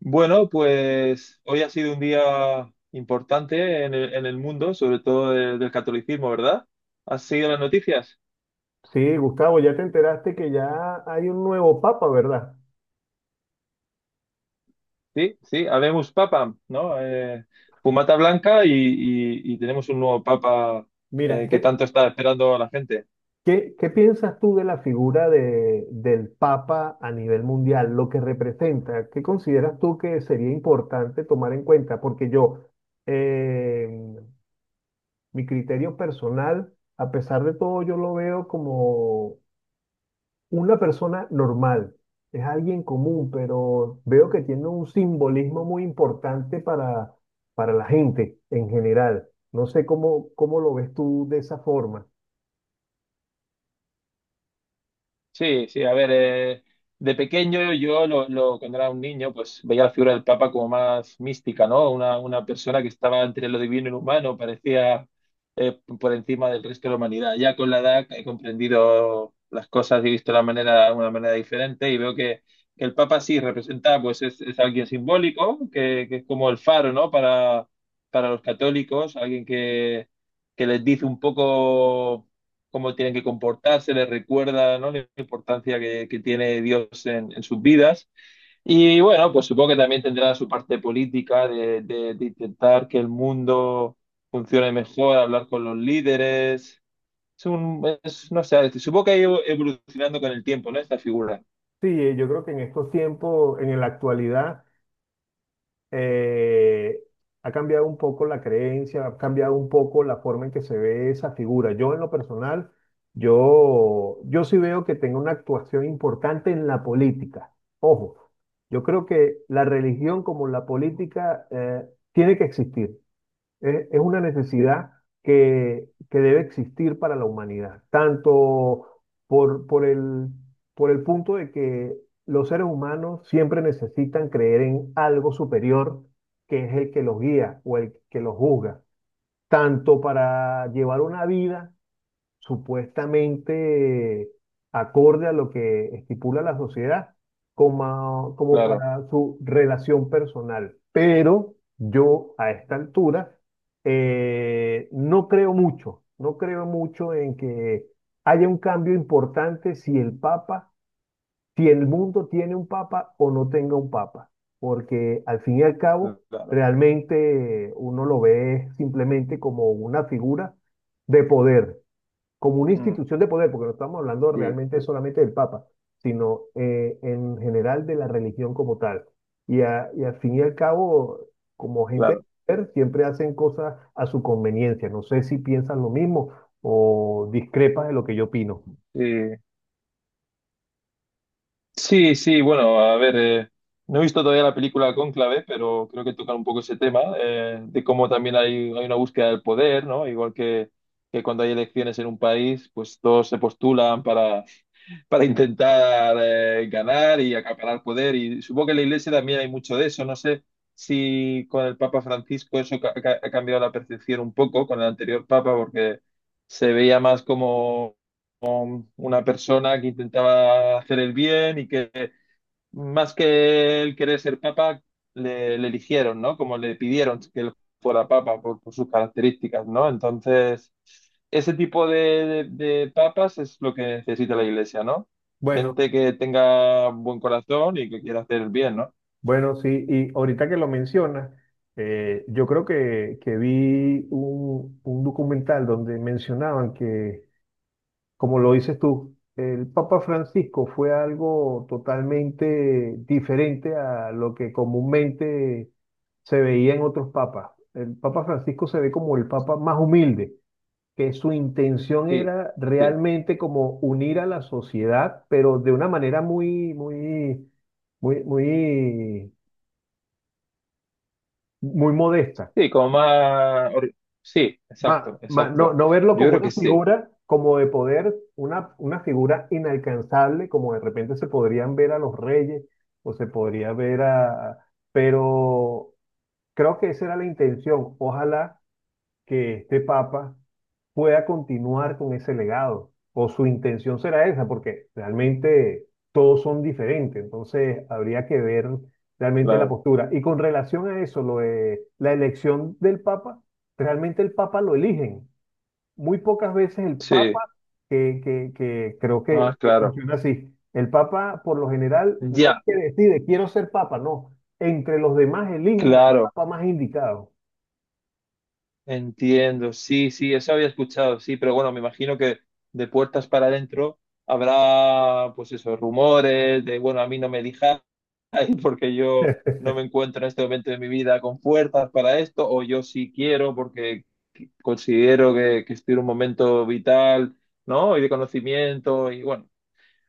Bueno, pues hoy ha sido un día importante en el mundo, sobre todo del catolicismo, ¿verdad? ¿Has seguido las noticias? Sí, Gustavo, ya te enteraste que ya hay un nuevo papa, ¿verdad? Sí, sí, habemos papa, ¿no? Fumata blanca y tenemos un nuevo papa Mira, que ¿qué, tanto está esperando a la gente. qué, qué piensas tú de la figura de, del papa a nivel mundial, lo que representa? ¿Qué consideras tú que sería importante tomar en cuenta? Porque yo, eh, mi criterio personal, a pesar de todo, yo lo veo como una persona normal, es alguien común, pero veo que tiene un simbolismo muy importante para la gente en general. No sé cómo, cómo lo ves tú de esa forma. Sí, sí, a ver, de pequeño yo cuando era un niño pues veía la figura del Papa como más mística, ¿no? Una persona que estaba entre lo divino y lo humano, parecía por encima del resto de la humanidad. Ya con la edad he comprendido las cosas y he visto la manera, una manera diferente y veo que el Papa sí representa, pues es alguien simbólico, que es como el faro, ¿no? Para los católicos, alguien que les dice un poco cómo tienen que comportarse, les recuerda, ¿no? Importancia que tiene Dios en sus vidas. Y bueno, pues supongo que también tendrá su parte política de, de intentar que el mundo funcione mejor, hablar con los líderes. Es un, es, no sé, supongo que ha ido evolucionando con el tiempo, ¿no? Esta figura. Sí, yo creo que en estos tiempos, en la actualidad, eh, ha cambiado un poco la creencia, ha cambiado un poco la forma en que se ve esa figura. Yo en lo personal, yo sí veo que tenga una actuación importante en la política. Ojo, yo creo que la religión como la política tiene que existir. Es una Sí, necesidad que debe existir para la humanidad, tanto por, por el, por el punto de que los seres humanos siempre necesitan creer en algo superior, que es el que los guía o el que los juzga, tanto para llevar una vida supuestamente acorde a lo que estipula la sociedad, como, como claro, para su relación personal. Pero yo a esta altura no creo mucho, no creo mucho en que haya un cambio importante si el Papa, si el mundo tiene un Papa o no tenga un Papa, porque al fin y al cabo claro. realmente uno lo ve simplemente como una figura de poder, como una Mm, institución de poder, porque no estamos hablando sí, realmente solamente del Papa, sino en general de la religión como tal. Y, y al fin y al cabo, como gente de claro. poder, siempre hacen cosas a su conveniencia. No sé si piensan lo mismo o discrepas de lo que yo opino. Sí. Sí, sí, bueno, a ver, no he visto todavía la película Cónclave, pero creo que tocan un poco ese tema, de cómo también hay una búsqueda del poder, ¿no? Igual que cuando hay elecciones en un país, pues todos se postulan para intentar ganar y acaparar poder. Y supongo que en la Iglesia también hay mucho de eso. No sé si con el Papa Francisco eso ha cambiado la percepción un poco con el anterior Papa, porque se veía más como una persona que intentaba hacer el bien y que más que él querer ser papa, le eligieron, ¿no? Como le pidieron que él fuera papa por sus características, ¿no? Entonces, ese tipo de, de papas es lo que necesita la iglesia, ¿no? Bueno, Gente que tenga buen corazón y que quiera hacer el bien, ¿no? bueno, sí, y ahorita que lo mencionas, yo creo que vi un documental donde mencionaban que, como lo dices tú, el Papa Francisco fue algo totalmente diferente a lo que comúnmente se veía en otros papas. El Papa Francisco se ve como el papa más humilde, que su intención Sí, era sí, realmente como unir a la sociedad, pero de una manera muy, muy, muy, muy, muy modesta. sí, como más... Sí, exacto, No, exacto. no verlo Yo como creo que una sí, figura, como de poder, una figura inalcanzable, como de repente se podrían ver a los reyes o se podría ver a... Pero creo que esa era la intención. Ojalá que este papa pueda continuar con ese legado, o su intención será esa, porque realmente todos son diferentes. Entonces habría que ver realmente la claro. postura. Y con relación a eso, lo de la elección del papa, realmente el papa lo eligen muy pocas veces el Papa Sí, que creo ah, que claro. funciona así. El Papa, por lo general, no es Ya, que decide, quiero ser Papa, no. Entre los demás eligen al claro. Papa más indicado. Entiendo, sí, sí, eso había escuchado, sí, pero bueno, me imagino que de puertas para adentro habrá, pues eso, rumores de, bueno, a mí no me dijáis porque yo no me encuentro en este momento de mi vida con fuerzas para esto, o yo sí quiero porque considero que estoy en un momento vital, ¿no? Y de conocimiento, y bueno,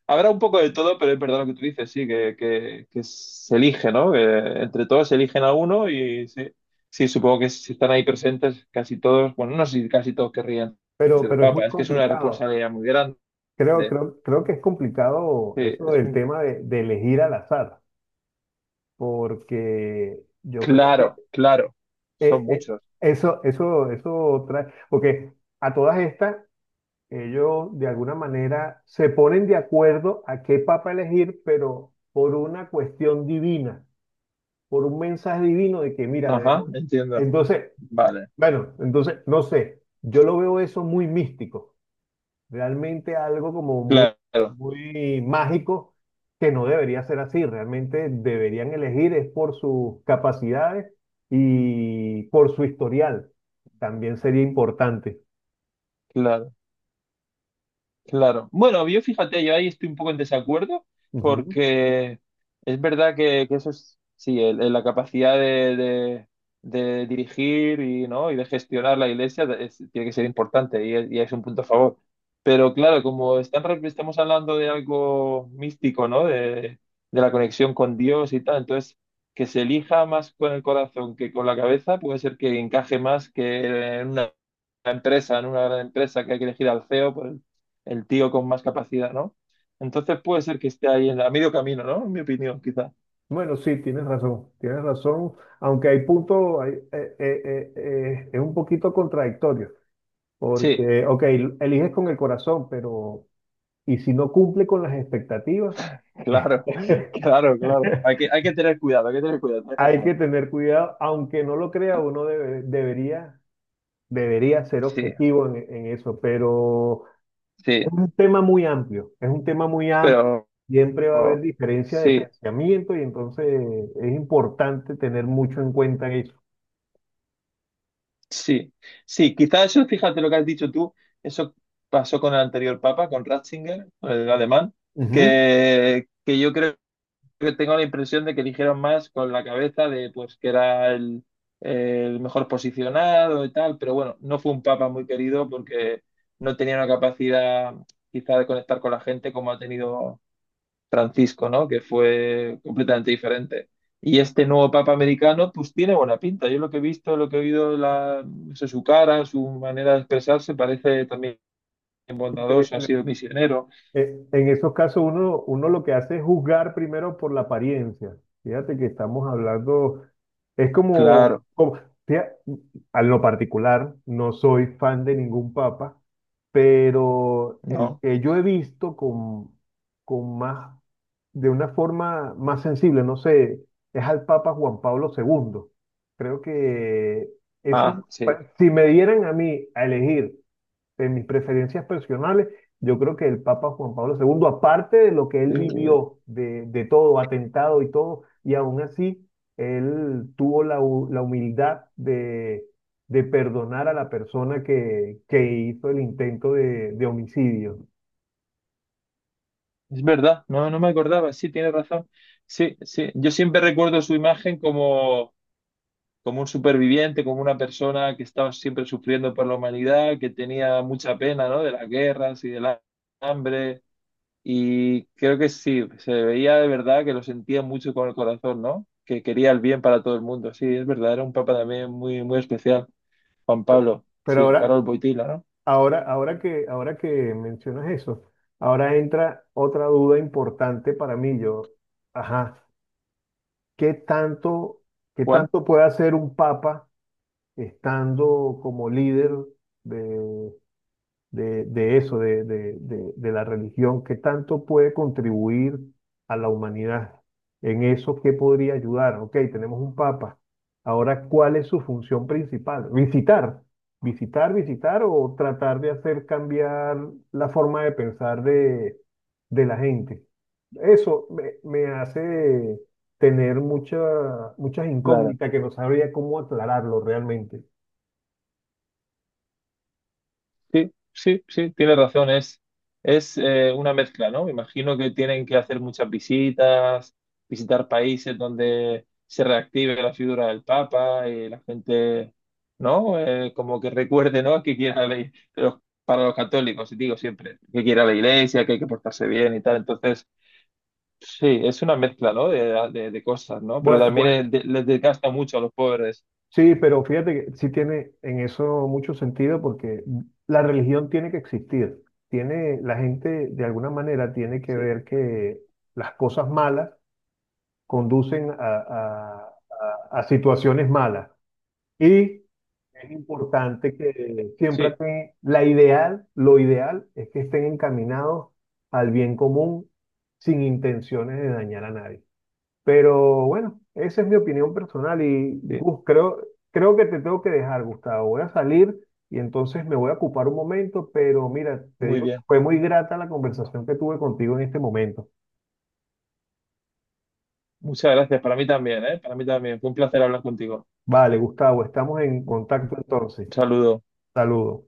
habrá un poco de todo, pero es verdad lo que tú dices, sí, que, que se elige, ¿no? Que entre todos se eligen a uno y sí, sí, supongo que si están ahí presentes casi todos, bueno, no sé si casi todos querrían ser pero es papa, muy es que es una complicado. responsabilidad muy grande. Creo, creo, creo que es complicado Sí, eso del tema de elegir al azar, porque yo creo que claro, claro, eh, son eh, muchos. eso, eso, eso trae, porque a todas estas, ellos de alguna manera se ponen de acuerdo a qué papa elegir, pero por una cuestión divina, por un mensaje divino de que, mira, Ajá, debemos... entiendo. Entonces, Vale, bueno, entonces, no sé, yo lo veo eso muy místico, realmente algo como muy, claro, muy mágico, que no debería ser así, realmente deberían elegir es por sus capacidades y por su historial, también sería importante. claro. Claro. Bueno, yo fíjate, yo ahí estoy un poco en desacuerdo porque es verdad que eso es, sí, la capacidad de, de- de dirigir y, ¿no? y de gestionar la iglesia tiene que ser importante y es un punto a favor. Pero claro, como están, estamos hablando de algo místico, ¿no? De la conexión con Dios y tal, entonces que se elija más con el corazón que con la cabeza puede ser que encaje más que en una empresa, en una gran empresa que hay que elegir al CEO, pues el tío con más capacidad, ¿no? Entonces puede ser que esté ahí en a medio camino, ¿no? En mi opinión, quizás. Bueno, sí, tienes razón, aunque hay puntos, es un poquito contradictorio, Sí, porque, ok, eliges con el corazón, pero ¿y si no cumple con las expectativas? claro, claro, claro. Hay que tener cuidado, hay que tener cuidado, tienes Hay que razón. tener cuidado, aunque no lo crea, debería, debería ser Sí, objetivo en eso, pero es sí, un tema muy amplio, es un tema muy amplio, pero siempre va a haber oh, diferencia de sí, pensamiento y entonces es importante tener mucho en cuenta eso. sí, sí, quizás eso, fíjate lo que has dicho tú, eso pasó con el anterior papa, con Ratzinger, con el alemán, Ujú. Que yo creo que tengo la impresión de que eligieron más con la cabeza de pues que era el mejor posicionado y tal, pero bueno, no fue un papa muy querido porque no tenía una capacidad quizá de conectar con la gente como ha tenido Francisco, ¿no? Que fue completamente diferente. Y este nuevo papa americano pues tiene buena pinta. Yo lo que he visto, lo que he oído, la, no sé, su cara, su manera de expresarse parece también bondadoso, ha sido Increíble. misionero. En esos casos uno, uno lo que hace es juzgar primero por la apariencia. Fíjate que estamos hablando, es como, Claro, como fía- a lo particular, no soy fan de ningún papa, pero el ¿no? que yo he visto con más, de una forma más sensible, no sé, es al Papa Juan Pablo II. Creo que ese, Ah, sí. si me dieran a mí a elegir en mis preferencias personales, yo creo que el Papa Juan Pablo II, aparte de lo que él Eh, vivió, de todo, atentado y todo, y aún así, él tuvo la, la humildad de perdonar a la persona que hizo el intento de homicidio. es verdad, no, no me acordaba, sí, tiene razón. Sí, sí, yo siempre recuerdo su imagen como, como un superviviente, como una persona que estaba siempre sufriendo por la humanidad, que tenía mucha pena, ¿no? De las guerras y del hambre. Y creo que sí, se veía de verdad que lo sentía mucho con el corazón, ¿no? Que quería el bien para todo el mundo. Sí, es verdad, era un papa también muy, muy especial, Juan Pablo. Pero Sí, ahora, Carol Boitila, ¿no? ahora, ahora que mencionas eso, ahora entra otra duda importante para mí. Yo, ajá, ¿qué tanto, qué ¿Cuál? tanto puede hacer un papa estando como líder de, de eso, de, de la religión? ¿Qué tanto puede contribuir a la humanidad? En eso, ¿qué podría ayudar? Ok, tenemos un papa. Ahora, ¿cuál es su función principal? Visitar, visitar, visitar o tratar de hacer cambiar la forma de pensar de la gente. Eso me, me hace tener mucha, muchas incógnitas que no sabría cómo aclararlo realmente. Sí, sí, sí, tienes razón, es una mezcla, ¿no? Me imagino que tienen que hacer muchas visitas, visitar países donde se reactive la figura del Papa y la gente, ¿no? Como que recuerde, ¿no? Que quiera la, para los católicos, y digo siempre, que quiera la iglesia, que hay que portarse bien y tal. Entonces, sí, es una mezcla, ¿no? De, de cosas, ¿no? Pero Bueno, también bueno, les desgasta mucho a los pobres. sí, pero fíjate que sí tiene en eso mucho sentido porque la religión tiene que existir. Tiene, la gente de alguna manera tiene que Sí, ver que las cosas malas conducen a, a situaciones malas. Y es importante que siempre sí, la ideal, lo ideal es que estén encaminados al bien común, sin intenciones de dañar a nadie. Pero bueno, esa es mi opinión personal y sí, Gus, creo, creo que te tengo que dejar, Gustavo. Voy a salir y entonces me voy a ocupar un momento, pero mira, te muy digo que bien. fue muy grata la conversación que tuve contigo en este momento. Muchas gracias, para mí también, ¿eh? Para mí también. Fue un placer hablar contigo. Vale, Gustavo, estamos en Un contacto entonces. saludo. Saludos.